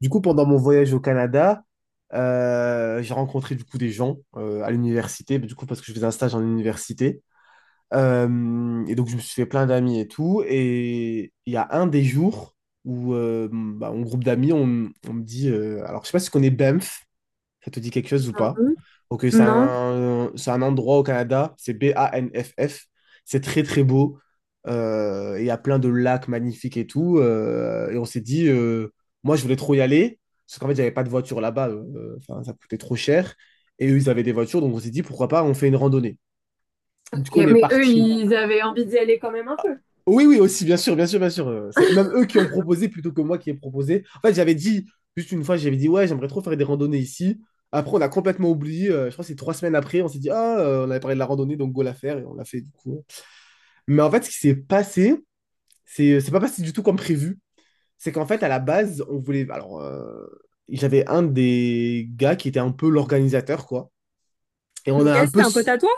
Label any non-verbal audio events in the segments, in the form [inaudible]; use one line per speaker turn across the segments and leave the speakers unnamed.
Du coup, pendant mon voyage au Canada, j'ai rencontré du coup des gens à l'université, du coup parce que je faisais un stage en université. Et donc je me suis fait plein d'amis et tout. Et il y a un des jours où bah, mon groupe d'amis, on me dit, alors je sais pas si tu connais Banff, ça te dit quelque chose ou
Non
pas?
plus.
Ok, c'est
Non.
un, c'est un endroit au Canada, c'est Banff. C'est très très beau. Il y a plein de lacs magnifiques et tout. Et on s'est dit, moi je voulais trop y aller, parce qu'en fait j'avais pas de voiture là-bas, enfin, ça coûtait trop cher. Et eux ils avaient des voitures, donc on s'est dit pourquoi pas on fait une randonnée. Du
Ok,
coup on est
mais eux,
parti.
ils avaient envie d'y aller quand même un peu.
Oui, oui, aussi, bien sûr, bien sûr, bien sûr. C'est même eux qui ont proposé plutôt que moi qui ai proposé. En fait, j'avais dit, juste une fois, j'avais dit, ouais, j'aimerais trop faire des randonnées ici. Après, on a complètement oublié. Je crois que c'est 3 semaines après, on s'est dit, ah, on avait parlé de la randonnée, donc go la faire, et on l'a fait du coup. Mais en fait, ce qui s'est passé, c'est pas passé du tout comme prévu. C'est qu'en fait, à la base, on voulait. Alors, j'avais un des gars qui était un peu l'organisateur, quoi. Et on
Ok,
a un
c'était
peu.
un pote à toi?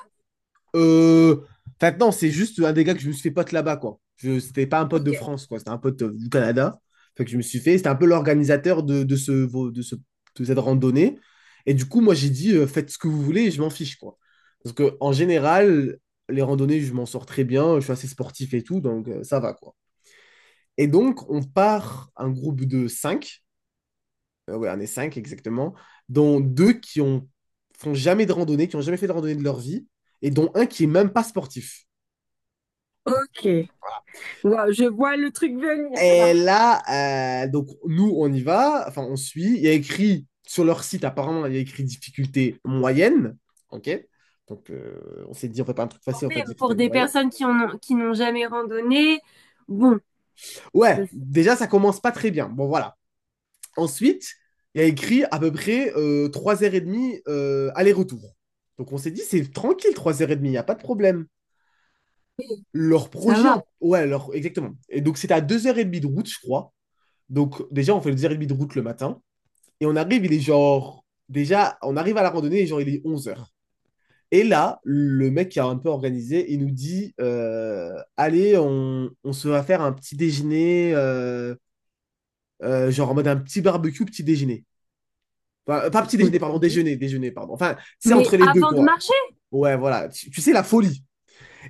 Euh, enfin, non, c'est juste un des gars que je me suis fait pote là-bas, quoi. C'était pas un pote de
Ok.
France, quoi. C'était un pote du Canada. Fait que je me suis fait. C'était un peu l'organisateur de, ce, de cette randonnée. Et du coup, moi, j'ai dit, faites ce que vous voulez, je m'en fiche, quoi. Parce que, en général, les randonnées, je m'en sors très bien. Je suis assez sportif et tout, donc ça va, quoi. Et donc, on part un groupe de 5. Ouais, on est 5 exactement. Dont deux font jamais de randonnée, qui ont jamais fait de randonnée de leur vie. Et dont un qui est même pas sportif.
Ok. Wow, je vois le truc venir
Et
là.
là, donc nous, on y va, enfin, on suit. Il y a écrit sur leur site, apparemment, il y a écrit difficulté moyenne. OK? Donc, on s'est dit, on fait pas un truc
Bon,
facile, on fait
même pour
difficulté
des
moyenne.
personnes qui en ont, qui n'ont jamais randonné, bon, ça,
Ouais, déjà, ça commence pas très bien. Bon, voilà. Ensuite, il y a écrit à peu près 3h30 aller-retour. Donc, on s'est dit, c'est tranquille, 3h30, il n'y a pas de problème. Leur
ça
projet,
va.
ouais, leur, exactement. Et donc, c'était à 2h30 de route, je crois. Donc, déjà, on fait 2h30 de route le matin. Et on arrive, il est genre. Déjà, on arrive à la randonnée, et genre, il est 11h. Et là, le mec qui a un peu organisé, il nous dit allez, on se va faire un petit déjeuner, genre en mode un petit barbecue, petit déjeuner. Enfin, pas petit déjeuner,
Ok.
pardon, déjeuner, déjeuner, pardon. Enfin, c'est
Mais
entre les deux,
avant de
quoi.
marcher,
Ouais, voilà. Tu sais, la folie.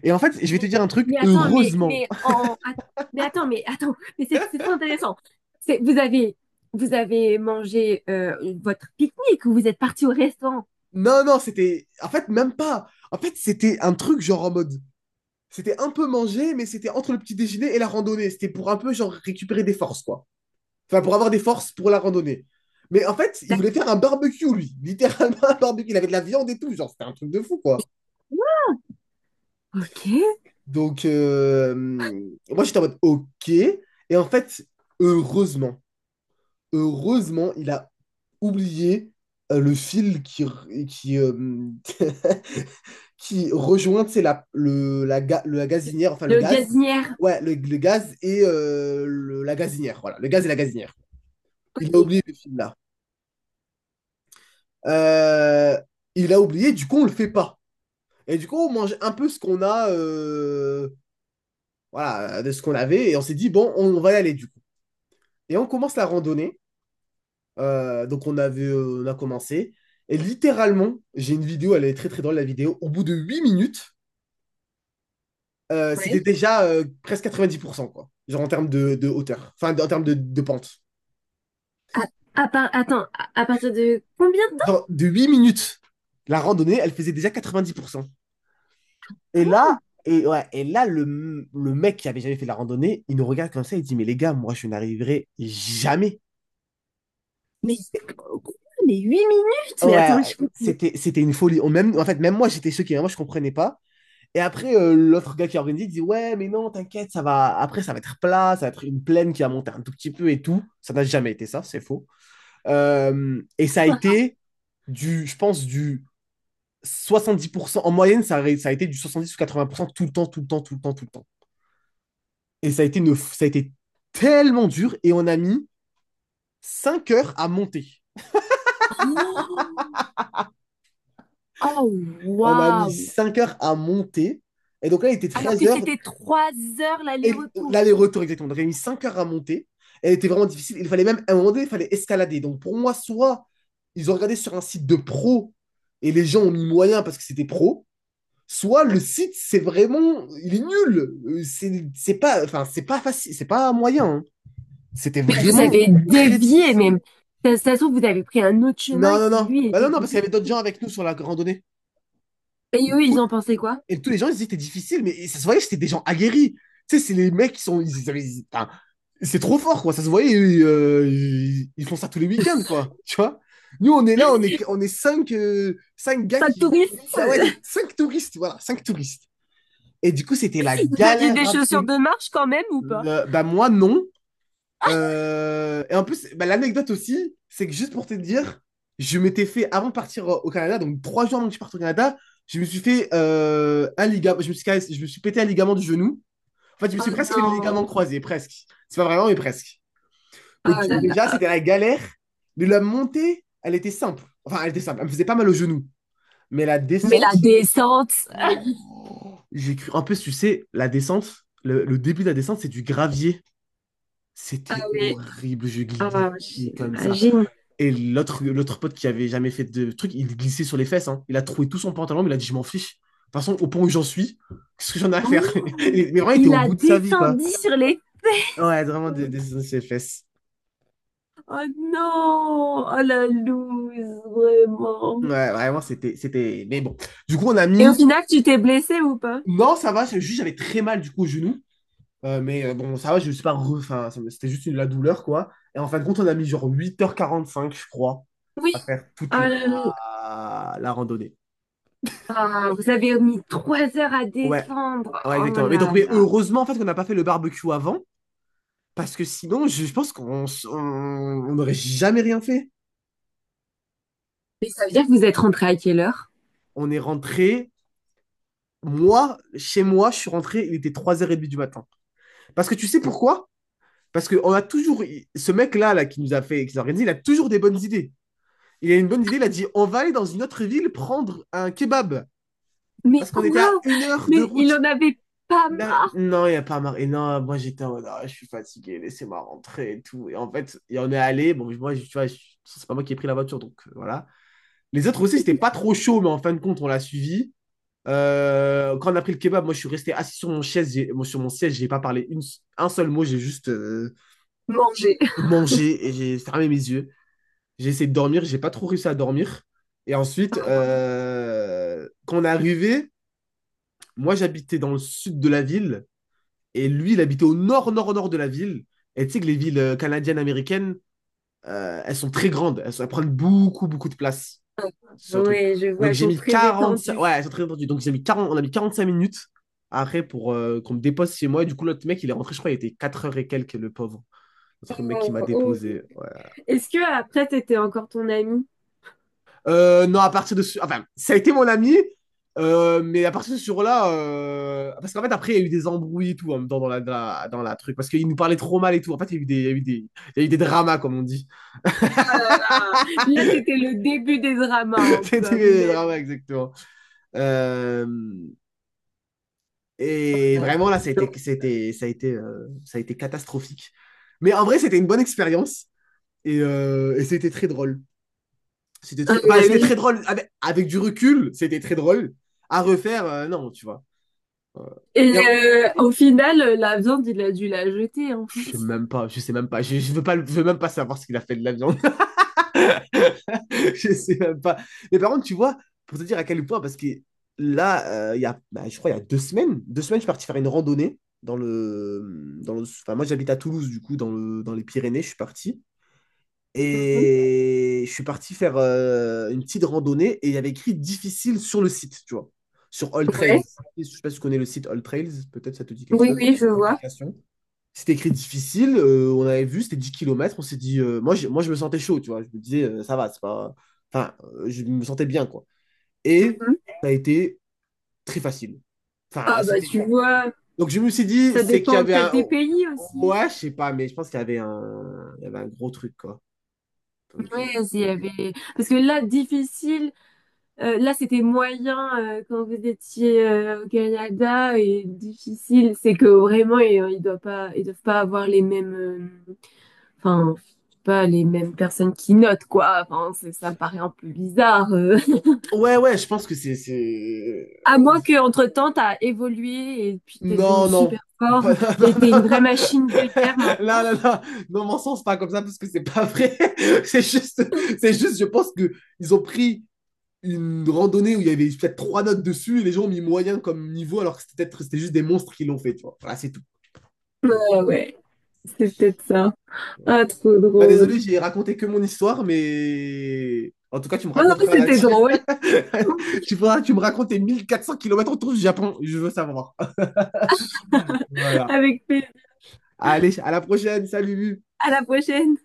Et en fait, je vais te
mais,
dire un truc,
mais attends,
heureusement.
mais
[laughs]
en, att- mais attends, mais attends, mais c'est trop intéressant. C'est, vous avez mangé votre pique-nique ou vous êtes parti au restaurant?
Non, non, c'était. En fait, même pas. En fait, c'était un truc genre en mode. C'était un peu manger, mais c'était entre le petit déjeuner et la randonnée. C'était pour un peu genre récupérer des forces, quoi. Enfin, pour avoir des forces pour la randonnée. Mais en fait, il voulait
D'accord.
faire un barbecue, lui. [laughs] Littéralement un barbecue. Il avait de la viande et tout. Genre, c'était un truc de fou, quoi.
Ok.
Donc, moi, j'étais en mode OK. Et en fait, heureusement, heureusement, il a oublié le fil qui, qui, euh, [laughs] qui rejoint, c'est la gazinière, enfin le
Le
gaz.
gazinière.
Ouais, le gaz et la gazinière. Voilà, le gaz et la gazinière.
Ok.
Il a oublié le film là. Euh, il a oublié, du coup, on le fait pas. Et du coup, on mange un peu ce qu'on a, voilà, de ce qu'on avait. Et on s'est dit, bon, va y aller du coup. Et on commence la randonnée. Donc, on a commencé. Et littéralement, j'ai une vidéo, elle est très très drôle la vidéo. Au bout de 8 minutes, c'était
Ouais.
déjà presque 90%, quoi. Genre en termes de hauteur, enfin en termes de pente.
À, à partir de combien de temps?
Genre de 8 minutes, la randonnée, elle faisait déjà 90%. Et
Quoi?
là, et ouais, et là le mec qui avait jamais fait la randonnée, il nous regarde comme ça, il dit, mais les gars, moi, je n'arriverai jamais.
Mais,
Et-
quoi, mais 8 minutes? Mais attends,
ouais,
je comprends
c'était une folie. Même, en fait, même moi, j'étais choqué, hein, moi, je comprenais pas. Et après, l'autre gars qui a organisé, il dit, ouais, mais non, t'inquiète, ça va, après, ça va être plat, ça va être une plaine qui va monter un tout petit peu et tout. Ça n'a jamais été ça, c'est faux. Et ça a
pas.
été du, je pense, du 70%. En moyenne, ça a été du 70 ou 80% tout le temps, tout le temps, tout le temps, tout le temps. Et ça a été tellement dur et on a mis 5 heures à monter.
Oh, oh,
On a mis
waouh!
5 heures à monter. Et donc là, il était
Alors
13
que
heures.
c'était 3 heures
Et
l'aller-retour.
l'aller-retour, exactement. Donc, il a mis 5 heures à monter. Elle était vraiment difficile. Il fallait même, à un moment donné, il fallait escalader. Donc pour moi, soit ils ont regardé sur un site de pro et les gens ont mis moyen parce que c'était pro, soit le site, c'est vraiment, il est nul. C'est pas, enfin, c'est pas facile, c'est pas moyen, hein. C'était
Mais vous
vraiment
avez
très
dévié
difficile.
même. Ça se trouve, vous avez pris un autre
Non,
chemin
non,
qui,
non.
lui,
Bah non,
était
non, parce qu'il y
difficile.
avait d'autres gens avec nous sur la randonnée.
Et
Et,
eux,
tout-
ils en pensaient quoi?
et tous les gens, ils disaient que c'était difficile, mais ça se voyait que c'était des gens aguerris. Tu sais, c'est les mecs qui sont, enfin, c'est trop fort, quoi. Ça se voyait, ils font ça tous les week-ends, quoi. Tu vois? Nous, on est là, on est cinq, cinq gars
Pas de
qui.
touristes?
Ah ouais,
[laughs]
cinq touristes, voilà, cinq touristes. Et du coup, c'était la
Vous aviez
galère
des chaussures
absolue.
de marche quand même ou pas?
Bah moi non. Et en plus, bah, l'anecdote aussi, c'est que juste pour te dire, je m'étais fait, avant de partir au Canada, donc 3 jours avant que je parte au Canada, je me suis fait un ligament, je me suis pété un ligament du genou. En fait, je me
Oh
suis presque fait les ligaments
non!
croisés, presque. C'est pas vraiment, mais presque. Donc
Oh là
déjà,
là!
c'était la galère, mais la montée, elle était simple. Enfin, elle était simple, elle me faisait pas mal au genou. Mais la
Mais la
descente,
descente,
j'ai cru, en plus, tu sais, la descente, le début de la descente, c'est du gravier.
ah
C'était
oui!
horrible, je
Ah,
glissais comme ça.
j'imagine.
Et l'autre pote qui avait jamais fait de truc, il glissait sur les fesses, hein. Il a troué tout son pantalon, mais il a dit, je m'en fiche. De toute façon, au point où j'en suis, [laughs] qu'est-ce que j'en ai à faire? [laughs]
Oh,
Mais vraiment, il était
il
au
a
bout de sa vie, quoi.
descendu sur les
Ouais, vraiment, des
feux.
des sur les fesses.
Oh non! Oh la loose, vraiment.
Ouais, vraiment, c'était. Mais bon, du coup, on a
Et au
mis.
final, tu t'es blessé ou pas?
Non, ça va, c'est juste, j'avais très mal, du coup, au genou. Mais bon, ça va, je me suis pas, enfin, c'était juste la douleur, quoi. Et en fin de compte, on a mis genre 8h45 je crois,
Oui.
à faire
Oh
toute la,
là là.
la randonnée.
Ah, vous avez mis trois heures à
Ouais,
descendre.
ouais,
Oh
exactement. Mais donc,
là
mais
là.
heureusement en fait qu'on n'a pas fait le barbecue avant, parce que sinon, je pense qu'on s- on n'aurait jamais rien fait.
Mais ça veut dire que vous êtes rentré à quelle heure?
On est rentré, moi, chez moi, je suis rentré, il était 3h30 du matin. Parce que tu sais pourquoi? Parce que on a toujours, ce mec-là, là, qui nous a fait, qui nous a organisé, il a toujours des bonnes idées. Il a une bonne idée, il a dit, on va aller dans une autre ville prendre un kebab.
Mais
Parce qu'on était à
quoi?
1 heure de
Mais il
route.
en avait pas
Là,
marre.
non, il n'y a pas marre. Et non, moi j'étais en mode, ah, je suis fatigué, laissez-moi rentrer et tout. Et en fait, il y en est allé. Bon, moi, tu vois, c'est pas moi qui ai pris la voiture, donc voilà. Les autres aussi, c'était pas trop chaud, mais en fin de compte, on l'a suivi. Quand on a pris le kebab, moi je suis resté assis sur mon chaise, moi, sur mon siège, j'ai pas parlé un seul mot, j'ai juste
Manger.
mangé et j'ai fermé mes yeux. J'ai essayé de dormir, j'ai pas trop réussi à dormir. Et ensuite, quand on est arrivé, moi j'habitais dans le sud de la ville. Et lui, il habitait au nord-nord-nord de la ville. Et tu sais que les villes canadiennes, américaines, elles sont très grandes. Elles prennent beaucoup, beaucoup de place. C'est un truc.
Ouais, je vois,
Donc
elles
j'ai
sont
mis
très
45. Ouais,
étendues.
elles sont très entendues. On a mis 45 minutes après pour qu'on me dépose chez moi. Et du coup, l'autre mec, il est rentré, je crois, il était 4 heures et quelques, le pauvre. L'autre mec qui
Oh,
m'a
oh.
déposé.
Est-ce que après, c'était encore ton ami?
Non, à partir de ce... enfin, ça a été mon ami, mais à partir de ce jour-là, parce qu'en fait, après, il y a eu des embrouilles et tout en même temps dans la, dans la truc. Parce qu'il nous parlait trop mal et tout. En fait, il y a eu des dramas, comme on dit.
Là, c'était le début des
[laughs]
dramas, un
C'était
peu, à mon
des dramas,
avis.
exactement. Euh, Et
La
vraiment, là,
Nutella.
ça a été catastrophique. Mais en vrai, c'était une bonne expérience. Et c'était très drôle. C'était
Ah
très,
bah
enfin, c'était
oui.
très drôle. Avec du recul, c'était très drôle. À refaire, non, tu vois. Euh,
Et
et en-
au final, la viande, il a dû la jeter, en
Je
fait.
sais même pas, je sais même pas, je veux même pas savoir ce qu'il a fait de la viande. [laughs] Je sais même pas. Mais par contre, tu vois, pour te dire à quel point, parce que là, il y a, bah, je crois, il y a deux semaines, je suis parti faire une randonnée enfin, moi j'habite à Toulouse, du coup, dans les Pyrénées, je suis parti.
Mhm.
Et je suis parti faire une petite randonnée et il y avait écrit difficile sur le site, tu vois, sur All Trails.
Ouais.
Je sais pas si tu connais le site All Trails, peut-être ça te dit quelque
Oui,
chose,
oui, je vois.
application. C'était écrit difficile, on avait vu, c'était 10 kilomètres. On s'est dit, moi, moi je me sentais chaud, tu vois, je me disais, ça va, c'est pas... enfin, je me sentais bien, quoi. Et ça a été très facile.
Ah
Enfin,
bah
c'était...
tu vois,
Donc je me suis dit,
ça
c'est qu'il y
dépend
avait
peut-être
un.
des pays aussi.
Ouais, je sais pas, mais je pense qu'il y avait un. Il y avait un gros truc, quoi. Donc,
Ouais, s'il y avait... Parce que là, difficile, là c'était moyen quand vous étiez au Canada et difficile, c'est que vraiment et, ils doivent pas avoir les mêmes, enfin, je sais pas les mêmes personnes qui notent quoi. Enfin, c'est- ça me paraît un peu bizarre.
ouais, ouais, je pense que
À moins qu'entre-temps, t'as évolué et puis t'es devenu
non, non.
super fort
[laughs] Non,
et
non,
t'es une vraie
non.
machine de
[laughs]
guerre maintenant.
Là, là, là. Non, mon sens, c'est pas comme ça, parce que c'est pas vrai. [laughs] C'est juste, je pense que ils ont pris une randonnée où il y avait peut-être trois notes dessus et les gens ont mis moyen comme niveau alors que c'était juste des monstres qui l'ont fait, tu vois. Voilà, c'est tout.
Ah ouais, c'est peut-être ça. Ah, trop
Bah désolé,
drôle.
j'ai raconté que mon histoire, mais en tout cas, tu me
Bon, non, mais
raconteras la
c'était
tienne.
drôle.
[laughs]
[laughs]
Tu faudras que tu me racontes tes 1 400 kilomètres autour du Japon, je veux savoir. Voilà.
Avec plaisir.
Allez, à la prochaine, salut.
À la prochaine.